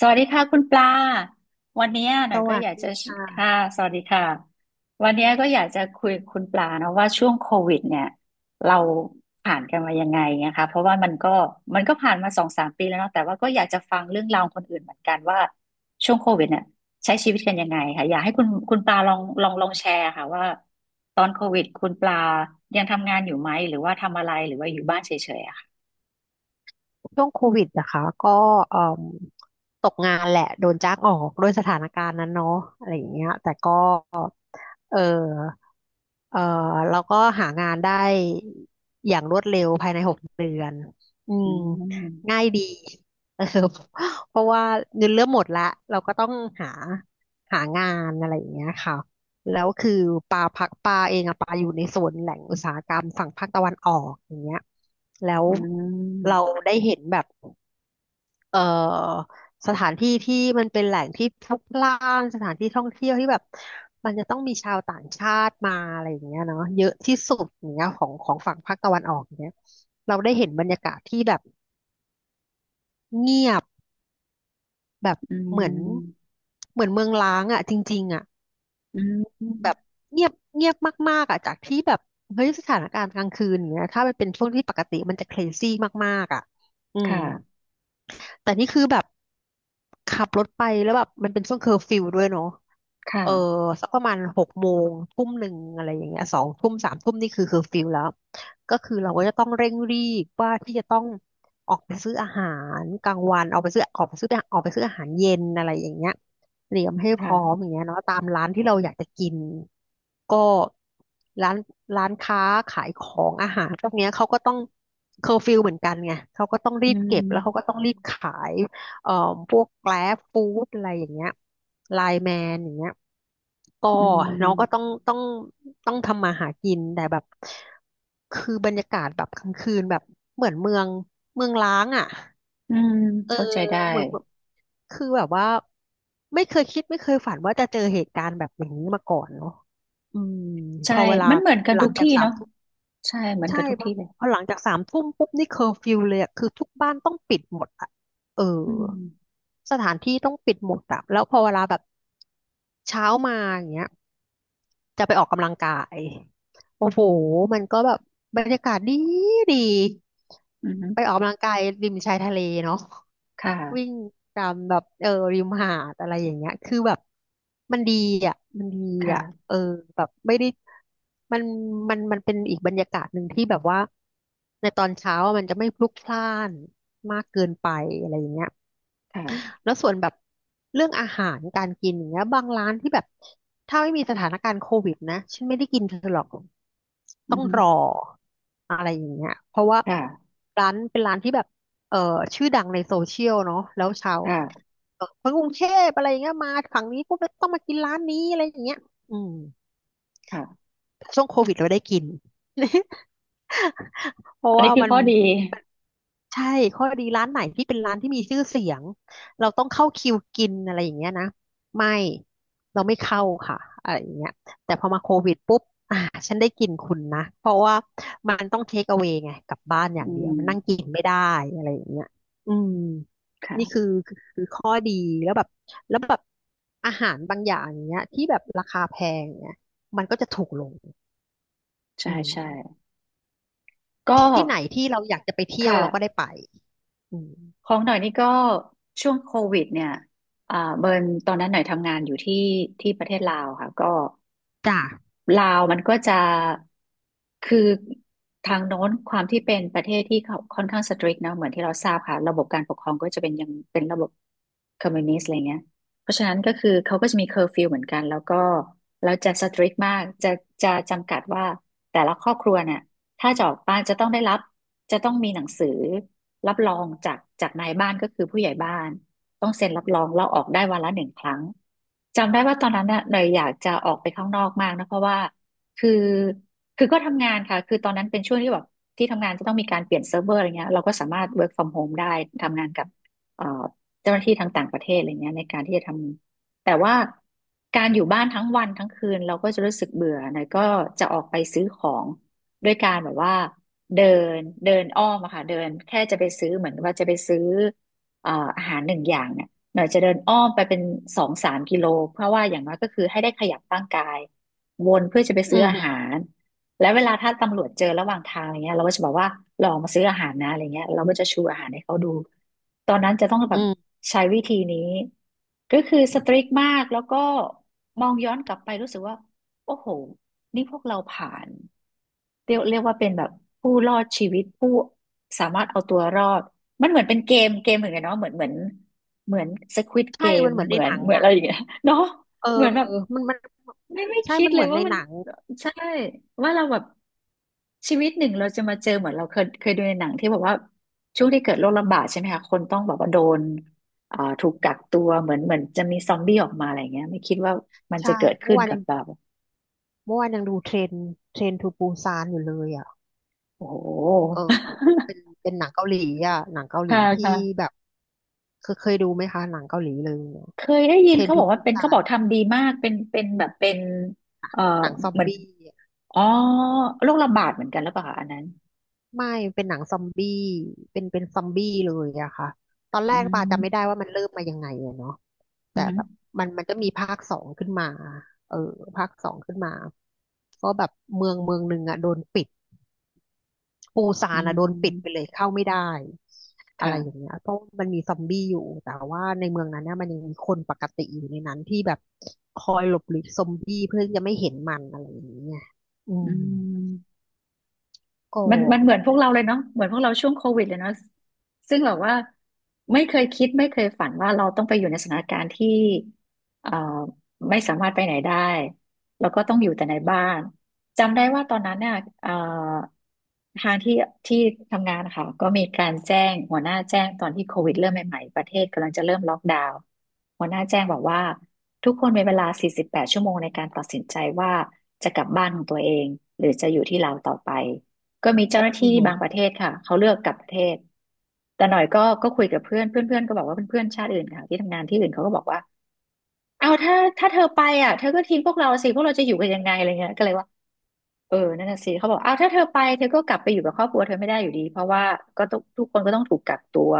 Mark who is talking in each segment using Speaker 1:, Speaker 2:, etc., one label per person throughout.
Speaker 1: สวัสดีค่ะคุณปลา วันเนี้ยห
Speaker 2: ส
Speaker 1: น่อยก็
Speaker 2: วั
Speaker 1: อ
Speaker 2: ส
Speaker 1: ยาก
Speaker 2: ดี
Speaker 1: จะ
Speaker 2: ค
Speaker 1: ค่ะ
Speaker 2: ่ะ
Speaker 1: สวัสดีค่ะ วันเนี้ยก็อยากจะคุยกับคุณปลานะว่าช่วงโควิดเนี่ยเราผ่านกันมายังไงนะคะเพราะว่ามันก็ผ่านมาสองสามปีแล้วเนาะแต่ว่าก็อยากจะฟังเรื่องราวคนอื่นเหมือนกันว่าช่วงโควิดเนี่ยใช้ชีวิตกันยังไงค่ะอยากให้คุณปลาลองแชร์ค่ะว่าตอนโควิดคุณปลายังทำงานอยู่ไหมหรือว่าทำอะไรหรือว่าอยู่บ้านเฉยๆอะค่ะ
Speaker 2: ช่วงโควิดนะคะก็เอ่มตกงานแหละโดนจ้างออกด้วยสถานการณ์นั้นเนาะอะไรอย่างเงี้ยแต่ก็ เออเออแล้วก็หางานได้อย่างรวดเร็วภายใน6 เดือนอื
Speaker 1: อื
Speaker 2: มง่า
Speaker 1: ม
Speaker 2: ยดี เออเพราะว่าเงินเริ่มหมดละเราก็ต้องหาหางานอะไรอย่างเงี้ยค่ะแล้วคือปลาพักปลาเองอะปลาอยู่ในโซนแหล่งอุตสาหกรรมฝั่งภาคตะวันออกอย่างเงี้ยแล้ว
Speaker 1: อื
Speaker 2: เรา
Speaker 1: ม
Speaker 2: ได้เห็นแบบ เอ่อสถานที่ที่มันเป็นแหล่งที่พลุกพล่านสถานที่ท่องเที่ยวที่แบบมันจะต้องมีชาวต่างชาติมาอะไรอย่างเงี้ยเนาะเยอะที่สุดอย่างเงี้ยของของฝั่งภาคตะวันออกอย่างเงี้ยเราได้เห็นบรรยากาศที่แบบเงียบแบบ
Speaker 1: อื
Speaker 2: เหมือน
Speaker 1: ม
Speaker 2: เหมือนเมืองร้างอ่ะจริงๆอ่ะ
Speaker 1: อื
Speaker 2: แบบ
Speaker 1: ม
Speaker 2: เงียบเงียบมากๆอ่ะจากที่แบบเฮ้ยสถานการณ์กลางคืนอย่างเงี้ยถ้ามันเป็นช่วงที่ปกติมันจะเครซี่มากๆอ่ะอื
Speaker 1: ค
Speaker 2: ม
Speaker 1: ่ะ
Speaker 2: แต่นี่คือแบบขับรถไปแล้วแบบมันเป็นช่วงเคอร์ฟิวด้วยเนาะ
Speaker 1: ค่ะ
Speaker 2: เออสักประมาณ6 โมง1 ทุ่มอะไรอย่างเงี้ย2 ทุ่มสามทุ่มนี่คือเคอร์ฟิวแล้วก็คือเราก็จะต้องเร่งรีบว่าที่จะต้องออกไปซื้ออาหารกลางวันออกไปซื้ออาหารเย็นอะไรอย่างเงี้ย เตรียมให้
Speaker 1: ค
Speaker 2: พร้อมอ
Speaker 1: ่ะ
Speaker 2: ย่างเงี้ยเนาะตามร้านที่เราอยากจะกินก็ร้านร้านค้าขายของอาหารพวกเนี้ยเขาก็ต้องเคอร์ฟิวเหมือนกันไงเขาก็ต้อง
Speaker 1: อื
Speaker 2: รีบเก็บแล้วเขาก็
Speaker 1: ม
Speaker 2: ต้องรีบขายเอ่อพวกแกร็บฟู้ดอะไรอย่างเงี้ยไลน์แมนอย่างเงี้ยก็
Speaker 1: อื
Speaker 2: เนาะก็ต้อง
Speaker 1: ม
Speaker 2: ต้องต้องทำมาหากินแต่แบบคือบรรยากาศแบบกลางคืนแบบเหมือนเมืองล้างอ่ะ
Speaker 1: อืม
Speaker 2: เออ
Speaker 1: เข้าใจได้
Speaker 2: เหมือนแบบคือแบบว่าไม่เคยคิดไม่เคยฝันว่าจะเจอเหตุการณ์แบบอย่างนี้มาก่อนเนาะอืมพ
Speaker 1: ใช่
Speaker 2: อเวลา
Speaker 1: มันเหมือนกัน
Speaker 2: หลั
Speaker 1: ทุก
Speaker 2: งจาก
Speaker 1: ที่
Speaker 2: สาม
Speaker 1: เนาะ
Speaker 2: ทุ่ม
Speaker 1: ใช่เหมือน
Speaker 2: ใช่
Speaker 1: กันทุก
Speaker 2: พอ
Speaker 1: ที่เลย
Speaker 2: พอหลังจากสามทุ่มปุ๊บนี่เคอร์ฟิวเลยอะคือทุกบ้านต้องปิดหมดอะเออ
Speaker 1: อืม
Speaker 2: สถานที่ต้องปิดหมดอะแล้วพอเวลาแบบเช้ามาอย่างเงี้ยจะไปออกกำลังกายโอ้โหมันก็แบบบรรยากาศดีดี
Speaker 1: อืม
Speaker 2: ไปออกกำลังกายริมชายทะเลเนาะ
Speaker 1: ค
Speaker 2: วิ่ง
Speaker 1: ่ะ
Speaker 2: ตามแบบริมหาดอะไรอย่างเงี้ยคือแบบมันดีอ่ะมันดีอ่ะ
Speaker 1: ค่ะ
Speaker 2: แบบไม่ได้มันมันเป็นอีกบรรยากาศหนึ่งที่แบบว่าในตอนเช้าอะมันจะไม่พลุกพล่านมากเกินไปอะไรอย่างเงี้ย
Speaker 1: ค่ะ
Speaker 2: แล้วส่วนแบบเรื่องอาหารการกินอย่างเงี้ยบางร้านที่แบบถ้าไม่มีสถานการณ์โควิดนะฉันไม่ได้กินเธอหรอก
Speaker 1: อื
Speaker 2: ต้องรอ
Speaker 1: ม
Speaker 2: อะไรอย่างเงี้ยเพราะว่า
Speaker 1: ค่ะ
Speaker 2: ร้านเป็นร้านที่แบบเอ่อชื่อดังในโซเชียลเนาะแล้วชาว
Speaker 1: ค่ะ
Speaker 2: คนกรุงเทพอะไรอย่างเงี้ยมาฝั่งนี้ปุ๊บแล้วต้องมากินร้านนี้อะไรอย่างเงี้ยอืม
Speaker 1: ค่ะ
Speaker 2: ช่วงโควิดเราได้กิน เพราะ
Speaker 1: อันนี้
Speaker 2: ว่า
Speaker 1: คือ
Speaker 2: มัน
Speaker 1: ข้อดี
Speaker 2: ใช่ข้อดีร้านไหนที่เป็นร้านที่มีชื่อเสียงเราต้องเข้าคิวกินอะไรอย่างเงี้ยนะไม่เราไม่เข้าค่ะอะไรอย่างเงี้ยแต่พอมาโควิดปุ๊บอ่าฉันได้กินคุณนะเพราะว่ามันต้องเทคเอา a y ไงกลับบ้านอย่าง
Speaker 1: อื
Speaker 2: เดียว
Speaker 1: ม
Speaker 2: มันนั่งกินไม่ได้อะไรอย่างเงี้ยอืมนี่คือ
Speaker 1: ค่ะ
Speaker 2: คือคือข้อดีแล้วแบบแล้วแบบอาหารบางอย่างเนี้ยที่แบบราคาแพงเนี่ยมันก็จะถูกลงอื
Speaker 1: ใช่
Speaker 2: ม
Speaker 1: ใช่ก็
Speaker 2: ที่ไหนที่เราอยากจะไป
Speaker 1: ค
Speaker 2: เที่ยวเราก็ได้
Speaker 1: ่ะ
Speaker 2: ไปอืม
Speaker 1: ของหน่อยนี่ก็ช่วงโควิดเนี่ยเบิร์นตอนนั้นหน่อยทำงานอยู่ที่ที่ประเทศลาวค่ะก็
Speaker 2: จ้ะ
Speaker 1: ลาวมันก็จะคือทางโน้นความที่เป็นประเทศที่เขาค่อนข้างสตริกนะเหมือนที่เราทราบค่ะระบบการปกครองก็จะเป็นยังเป็นระบบคอมมิวนิสต์อะไรเงี้ยเพราะฉะนั้นก็คือเขาก็จะมีเคอร์ฟิวเหมือนกันแล้วก็เราจะสตริกมากจะจำกัดว่าแต่ละครอบครัวเนี่ยถ้าจะออกบ้านจะต้องได้รับจะต้องมีหนังสือรับรองจากนายบ้านก็คือผู้ใหญ่บ้าน ต้องเซ็นรับรองเราออกได้วันละหนึ่งครั้งจำได้ว่าตอนนั้นน่ะเนยอยากจะออกไปข้างนอกมากนะเพราะว่าคือคือก็ทำงานค่ะคือตอนนั้นเป็นช่วงที่แบบที่ทำงานจะต้องมีการเปลี่ยนเซิร์ฟเวอร์อะไรเงี้ยเราก็สามารถ work from home ได้ทำงานกับเอ่อเจ้าหน้าที่ทางต่างประเทศอะไรเงี้ยในการที่จะทำแต่ว่าการอยู่บ้านทั้งวันทั้งคืนเราก็จะรู้สึกเบื่อเนยก็จะออกไปซื้อของด้วยการแบบว่าเดินเดินอ้อมอะค่ะเดินแค่จะไปซื้อเหมือนว่าจะไปซื้อ เอ่ออาหารหนึ่งอย่างเนี่ยหน่อยจะเดินอ้อมไปเป็นสองสามกิโลเพราะว่าอย่างน้อยก็คือให้ได้ขยับร่างกายวนเพื่อจะไป
Speaker 2: อื
Speaker 1: ซื้ออา
Speaker 2: ม
Speaker 1: หารและเวลาถ้าตำรวจเจอระหว่างทางอะไรเงี้ยเราก็จะบอกว่าลองมาซื้ออาหารนะอะไรเงี้ยเราก็จะชูอาหารให้เขาดูตอนนั้นจะต้องแบ
Speaker 2: อื
Speaker 1: บ
Speaker 2: ม
Speaker 1: ใช้วิธีนี้ก็คือสตริกมากแล้วก็มองย้อนกลับไปรู้สึกว่าโอ้โหนี่พวกเราผ่าน เรียกว่าเป็นแบบผู้รอดชีวิตผู้สามารถเอาตัวรอดมันเหมือนเป็นเกมเหมือนกันเนาะเหมือนสควิดเก
Speaker 2: ใช่
Speaker 1: ม
Speaker 2: มันเหมือน
Speaker 1: เห
Speaker 2: ใน
Speaker 1: มือ
Speaker 2: ห
Speaker 1: น
Speaker 2: นัง
Speaker 1: เหมือนอะ
Speaker 2: อ่ะ
Speaker 1: ไรอย่างเงี้ย เนาะ
Speaker 2: เออ
Speaker 1: เหมือนแบบ
Speaker 2: มัน
Speaker 1: ไม่
Speaker 2: ใช่
Speaker 1: คิด
Speaker 2: มัน
Speaker 1: เล
Speaker 2: เหมื
Speaker 1: ย
Speaker 2: อนใน
Speaker 1: ว่ามั
Speaker 2: ห
Speaker 1: น
Speaker 2: นัง
Speaker 1: ใช่ว่าเราแบบชีวิตหนึ่งเราจะมาเจอเหมือนเราเคยดูในหนังที่บอกว่าช่วงที่เกิดโรคระบาดใช่ไหมคะคนต้องแบบว่าโดนถูกกักตัวเหมือนจะมีซอมบี้ออกมาอะไรเงี้ยไม่คิดว่ามัน
Speaker 2: ใช่
Speaker 1: จะเกิด
Speaker 2: เมื่
Speaker 1: ขึ้
Speaker 2: อ
Speaker 1: น
Speaker 2: วาน
Speaker 1: กั
Speaker 2: ยั
Speaker 1: บ
Speaker 2: ง
Speaker 1: เรา
Speaker 2: เมื่อวานยังดูเทรนทูปูซานอยู่เลยอ่ะ
Speaker 1: โอ้โห
Speaker 2: เออเป็นหนังเกาหลีอ่ะหนังเกา หลี
Speaker 1: ค่ะ
Speaker 2: ที่
Speaker 1: ค่ะ
Speaker 2: แบบเคยดูไหมคะหนังเกาหลีเลยเนี่ย
Speaker 1: เคยได้ยิ
Speaker 2: เท
Speaker 1: น
Speaker 2: รน
Speaker 1: เขาบ
Speaker 2: ทู
Speaker 1: อกว่า
Speaker 2: ปู
Speaker 1: เป็น
Speaker 2: ซา
Speaker 1: เขาบอ
Speaker 2: น
Speaker 1: กทำดีมากเป็นเป็นแบบเป็นเอ่อ
Speaker 2: หนังซอม
Speaker 1: เหมือน
Speaker 2: บี้
Speaker 1: อ๋อโรคระบาดเหมือนกันหรือเปล่าคะอันนั้น
Speaker 2: ไม่เป็นหนังซอมบี้เป็นซอมบี้เลยอะค่ะตอนแร
Speaker 1: อื
Speaker 2: กปาจำไม่ได้
Speaker 1: ม
Speaker 2: ว่ามันเริ่มมายังไงอะเนาะ
Speaker 1: อื
Speaker 2: แต่แบบ
Speaker 1: ม
Speaker 2: มันก็มีภาคสองขึ้นมาเออภาคสองขึ้นมาก็แบบเมืองหนึ่งอะโดนปิดปูซา
Speaker 1: อื
Speaker 2: นอะโดนปิดไป
Speaker 1: ม
Speaker 2: เลยเข้าไม่ได้อะไรอย่า
Speaker 1: ค่ะ
Speaker 2: งเงี้ยเพราะมันมีซอมบี้อยู่แต่ว่าในเมืองนั้นเนี่ยมันยังมีคนปกติอยู่ในนั้นที่แบบคอยหลบหลีกซอมบี้เพื่อจะไม่เห็นมันอะไรอย่างเงี้ยอื
Speaker 1: อื
Speaker 2: ม
Speaker 1: ม
Speaker 2: ก็
Speaker 1: มันมันเหมือนพวกเราเลยเนาะเหมือนพวกเราช่วงโควิดเลยเนาะซึ่งแบบว่าไม่เคยคิดไม่เคยฝันว่าเราต้องไปอยู่ในสถานการณ์ที่เอ่อไม่สามารถไปไหนได้แล้วก็ต้องอยู่แต่ในบ้านจำได้ว่าตอนนั้นเนี่ยเอ่อทางที่ที่ทำงานค่ะก็มีการแจ้งหัวหน้าแจ้งตอนที่โควิดเริ่มใหม่ๆประเทศกำลังจะเริ่มล็อกดาวน์หัวหน้าแจ้งบอกว่าทุกคนมีเวลา48 ชั่วโมงในการตัดสินใจว่าจะกลับบ้านของตัวเองหรือจะอยู่ที่เราต่อไป ก็มีเจ้าหน้า
Speaker 2: อื
Speaker 1: ที่บาง
Speaker 2: ม
Speaker 1: ประเทศค่ะเขาเลือกกลับประเทศแต่หน่อยก็คุยกับเพื่อนเพื่อนเพื่อนก็บอกว่าเพื่อนๆชาติอื่นค่ะที่ทำงานที่อื่นเขาก็บอกว่าเอาถ้าเธอไปอ่ะเธอก็ทิ้งพวกเราสิพวกเราจะอยู่กันยังไงอะไรเงี้ยก็เลยว่าเออนั่นน่ะสิเขาบอกเอาถ้าเธอไปเธอก็กลับไปอยู่กับครอบครัวเธอไม่ได้อยู่ดีเพราะว่าก็ต้องทุกคนก็ต้องถูกกักตัว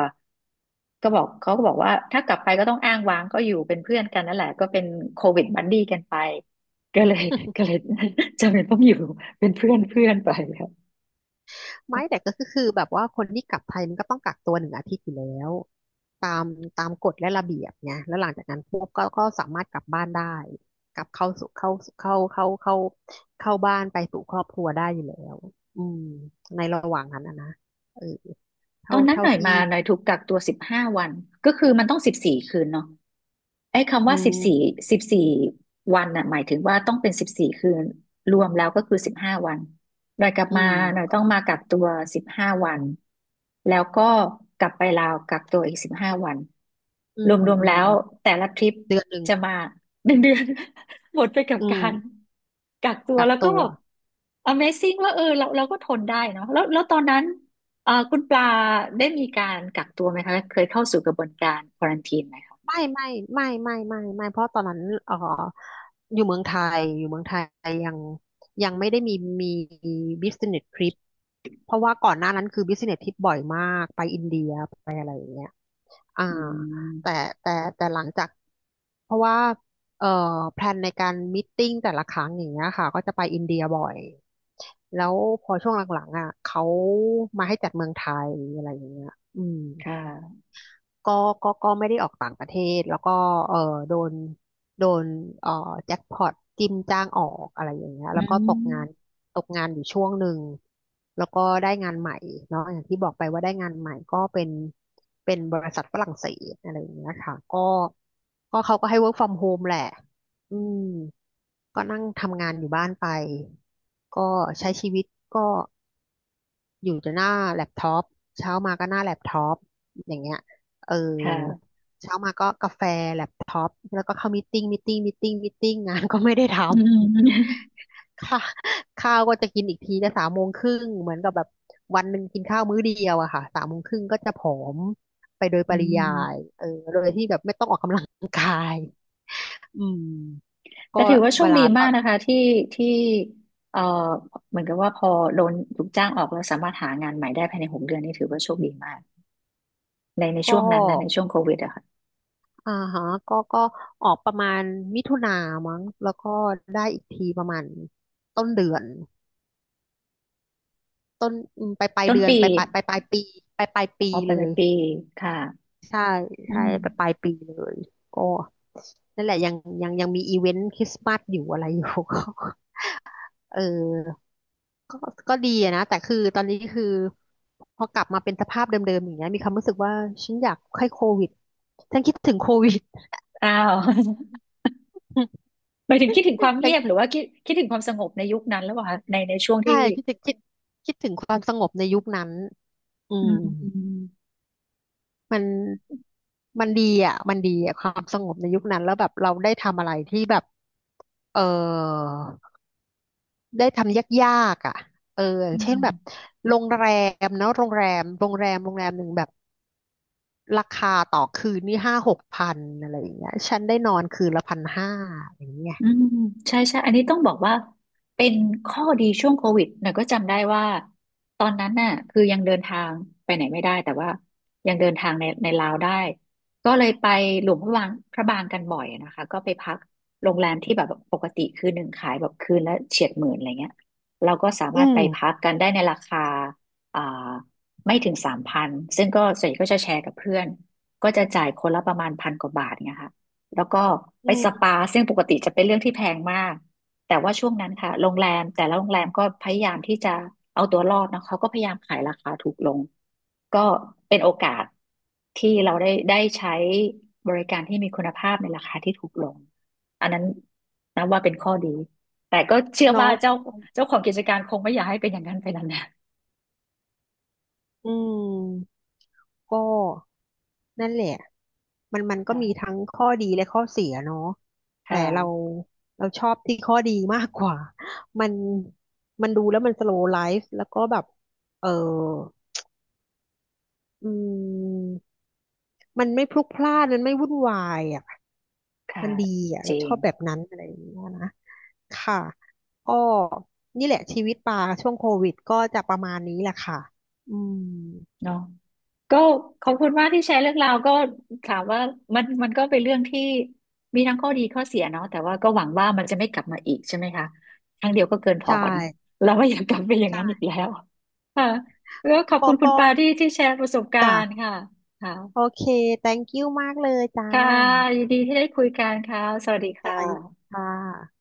Speaker 1: ก็บอกเขาก็บอกว่าถ้ากลับไปก็ต้องอ้างว้างก็อยู่เป็นเพื่อนกันนั่นแหละก็เป็นโควิดบัดดี้กันไปก็เลยก็เลย จำเป็นต้องอยู่เป็นเพื่อนเพื่อนไป
Speaker 2: ไม่แต่ก็คือแบบว่าคนที่กลับไทยมันก็ต้องกักตัวหนึ่งอาทิตย์อยู่แล้วตามตามกฎและระเบียบไงแล้วหลังจากนั้นพวกก็สามารถกลับบ้านได้กลับเข้าสู่เข้าเข้าเข้าเข้าเข้าบ้านไปสู่ครอบครัวได้อยู่แล้วอืมในระหว่างนั้นนะเออ
Speaker 1: ต
Speaker 2: เท่า
Speaker 1: อนนั้น
Speaker 2: เท่า
Speaker 1: หน่อย
Speaker 2: ที่
Speaker 1: มาหน่อยถูกกักตัวสิบห้าวันก็คือมันต้องสิบสี่คืนเนาะ ไอ้คำ
Speaker 2: อื
Speaker 1: ว่าสิ
Speaker 2: ม
Speaker 1: บสี่สิบสี่วันน่ะหมายถึงว่าต้องเป็นสิบสี่คืนรวมแล้วก็คือสิบห้าวันหน่อยกลับ
Speaker 2: อื
Speaker 1: มาหน่อย
Speaker 2: ม
Speaker 1: ต้องมากักตัวสิบห้าวันแล้วก็กลับไปลาวกักตัวอีกสิบห้าวัน
Speaker 2: อื
Speaker 1: ร
Speaker 2: ม
Speaker 1: วม
Speaker 2: อื
Speaker 1: ๆแล้
Speaker 2: ม
Speaker 1: ว
Speaker 2: อืม
Speaker 1: แต่ละทริป
Speaker 2: เดือนหนึ่ง
Speaker 1: จะมา1 เดือน หมดไปกับ
Speaker 2: อื
Speaker 1: กา
Speaker 2: ม
Speaker 1: รกักตัว
Speaker 2: กัก
Speaker 1: แล้วก็
Speaker 2: ตัว
Speaker 1: แบบ Amazing ว่าเออเราก็ทนได้เนาะแล้วตอนนั้นคุณปลาได้มีการกักตัวไหมคะเคยเข้าสู่กระบวนการควอรันทีนไหมคะ
Speaker 2: ไม่ไม่ไม่เพราะตอนนั้นเอ่ออยู่เมืองไทยอยู่เมืองไทยยังไม่ได้มี business trip เพราะว่าก่อนหน้านั้นคือ business trip บ่อยมากไปอินเดียอ่า
Speaker 1: อื
Speaker 2: แต่
Speaker 1: ม
Speaker 2: แต่แต่หลังจากเพราะว่าเอ่อแพลนในการมิทติ้งแต่ละครั้งอย่างเงี้ยค่ะก็จะไปอินเดียบ่อยแล้วพอช่วงหลังๆอ่ะเขามาให้จัดเมืองไทยอะไรอย่างเงี้ยอืม
Speaker 1: ค่ะ
Speaker 2: ก็ก็ไม่ได้ออกต่างประเทศแล้วก็เออโดนโดนเออแจ็คพอตจิ้มจ้างออกอะไรอย่างเงี้ย
Speaker 1: อื
Speaker 2: แล้วก็ตกงาน
Speaker 1: ม
Speaker 2: ตกงานอยู่ช่วงหนึ่ง แล้วก็ได้งานใหม่เนาะอย่างที่บอกไปว่าได้งานใหม่ก็เป็นเป็นบริษัทฝรั่งเศสอะไรอย่างเงี้ยค่ะก็เขาก็ให้ work from home แหละอืมก็นั่งทำงานอยู่บ้านไป ก็ใช้ชีวิตก็ อยู่แต่หน้าแล็ปท็อปเช้ามาก็หน้าแล็ปท็อปอย่างเงี้ยเออ
Speaker 1: ค่ะ
Speaker 2: เช้ามาก็กาแฟแล็ปท็อปแล้วก็เข้ามีตติ้งงานก็ไม่ได้ท
Speaker 1: อืม
Speaker 2: ำ ค่ะข้าวก็จะกินอีกทีจะสามโมงครึ่งเหมือนกับแบบวันหนึ่งกินข้าวมื้อเดียวอะค่ะสามโมงครึ่งก็จะผอมไปโดย
Speaker 1: อื
Speaker 2: ปริยาย
Speaker 1: ม
Speaker 2: เออโดยที่แบบไม่ต้องออกกำลังกายอืม
Speaker 1: แต่
Speaker 2: ก็
Speaker 1: ถือว่าโช
Speaker 2: เว
Speaker 1: ค
Speaker 2: ลา
Speaker 1: ดี
Speaker 2: ต
Speaker 1: มา
Speaker 2: อ
Speaker 1: ก
Speaker 2: น
Speaker 1: นะคะที่ที่เอ่อเหมือนกับว่าพอโดนถูกจ้างออกแล้วสามารถหางานใหม่ได้ภายใน6 เดือนนี่ถือว่าโชคดีมากในช่
Speaker 2: ก็
Speaker 1: วงนั้นนะในช่วงโควิดอะค่ะ
Speaker 2: อ่าฮะก็ออกประมาณมิถุนามั้งแล้วก็ได้อีกทีประมาณต้นเดือนต้นอืมปลาย
Speaker 1: ต้น
Speaker 2: เดือน
Speaker 1: ปี
Speaker 2: ปลายปลายปลายปลายปีปลายปี
Speaker 1: ออกไป
Speaker 2: เล
Speaker 1: ลาย
Speaker 2: ย
Speaker 1: ปีค่ะ
Speaker 2: ใช่
Speaker 1: อื
Speaker 2: ใช่
Speaker 1: ม
Speaker 2: ปลายปีเลยก็นั่นแหละยังมีอีเวนต์คริสต์มาสอยู่อะไรอยู่ ก็เออก็ก็ดีอะนะแต่คือตอนนี้คือพอกลับมาเป็นสภาพเดิมๆอย่างเงี้ยมีความรู้สึกว่าฉันอยากให้โควิดฉันคิดถึงโควิด
Speaker 1: อ้าว หมายถึงคิดถึงความเงียบห รือว่าคิดถึงความสงบในยุคนั้นแล้วเหรคะในช่วง
Speaker 2: ใช่
Speaker 1: ที่
Speaker 2: คิดถึงคิดถึงความสงบในยุคนั้นอื
Speaker 1: อื
Speaker 2: ม
Speaker 1: มอืม
Speaker 2: มันมันดีอ่ะมันดีอ่ะความสงบในยุคนั้นแล้วแบบเราได้ทำอะไรที่แบบเออได้ทำยากๆอ่ะเอออย่า
Speaker 1: อื
Speaker 2: งเช่นแบบ
Speaker 1: ม
Speaker 2: โรงแรมเนาะโรงแรมหนึ่งแบบราคาต่อคืนนี่ห้าหกพันอะไรอย่างเงี้ยฉันได้นอนคืนละพันห้าอย่างเงี้ย
Speaker 1: อืมใช่ใช่ อันนี้ต้องบอกว่าเป็นข้อดีช่วงโควิดหน่อยก็จำได้ว่าตอนนั้นน่ะคือยังเดินทางไปไหนไม่ได้แต่ว่ายังเดินทางในลาวได้ก็เลยไปหลวงพระบางกันบ่อยนะคะก็ไปพักโรงแรมที่แบบปกติคืนหนึ่งขายแบบคืนละเฉียดหมื่นอะไรเงี้ยเราก็สา
Speaker 2: อื
Speaker 1: มารถไป
Speaker 2: ม
Speaker 1: พักกันได้ในราคาอ่าไม่ถึง3,000ซึ่งก็ส่วนใหญ่ก็จะแชร์กับเพื่อนก็จะจ่ายคนละประมาณพันกว่าบาทเงี้ยค่ะ แล้วก็ไป
Speaker 2: อื
Speaker 1: ส
Speaker 2: ม
Speaker 1: ปาซึ่งปกติจะเป็นเรื่องที่แพงมากแต่ว่าช่วงนั้นค่ะโรงแรมแต่ละโรงแรมก็พยายามที่จะเอาตัวรอดนะเขาก็พยายามขายราคาถูกลงก็เป็นโอกาสที่เราได้ใช้บริการที่มีคุณภาพในราคาที่ถูกลงอันนั้นนับว่าเป็นข้อดีแต่ก็เชื่อว่า
Speaker 2: เนาะ
Speaker 1: เจ้าของกิจการคงไม่อยากให้เป็นอย่างนั้นไปนาน
Speaker 2: อืม ก็นั่นแหละมัน
Speaker 1: ๆ
Speaker 2: ก็มี
Speaker 1: ค่ะ
Speaker 2: ทั้งข้อดีและข้อเสียเนาะแต่
Speaker 1: ค่ะ
Speaker 2: เราเราชอบที่ข้อดีมากกว่า มันมันดูแล้วมันสโลว์ไลฟ์แล้วก็แบบเอออืมมันไม่พลุกพล่านมันไม่วุ่นวายอ่ะ
Speaker 1: ค่ะ
Speaker 2: มันดีอ่ะ
Speaker 1: จ
Speaker 2: เรา
Speaker 1: ริ
Speaker 2: ชอ
Speaker 1: ง
Speaker 2: บแบบนั้นอะไรอย่างเงี้ยนะค่ะก็นี่แหละชีวิตปลาช่วงโควิดก็จะประมาณนี้แหละค่ะอืม
Speaker 1: เนาะก็ขอบคุณมากที่แชร์เรื่องราวก็ถามว่ามันก็เป็นเรื่องที่มีทั้งข้อดีข้อเสียเนาะแต่ว่าก็หวังว่ามันจะไม่กลับมาอีกใช่ไหมคะครั้งเดียวก็เกินพอ
Speaker 2: ใช่
Speaker 1: เนาะเราไม่อยากกลับไปอย่างนั้นอีกแล้วค่ะแล้วขอบคุ
Speaker 2: ก็
Speaker 1: ณคุณ
Speaker 2: ก็
Speaker 1: ปาที่แชร์ประสบกา
Speaker 2: จ้ะ
Speaker 1: รณ์ค่ะค่ะ
Speaker 2: โอเค thank you มากเลยจ้า
Speaker 1: ค่ะยินดีที่ได้คุยกันค่ะสวัสดี
Speaker 2: ค่ะ
Speaker 1: ค่ะ
Speaker 2: ยินดีค่ะ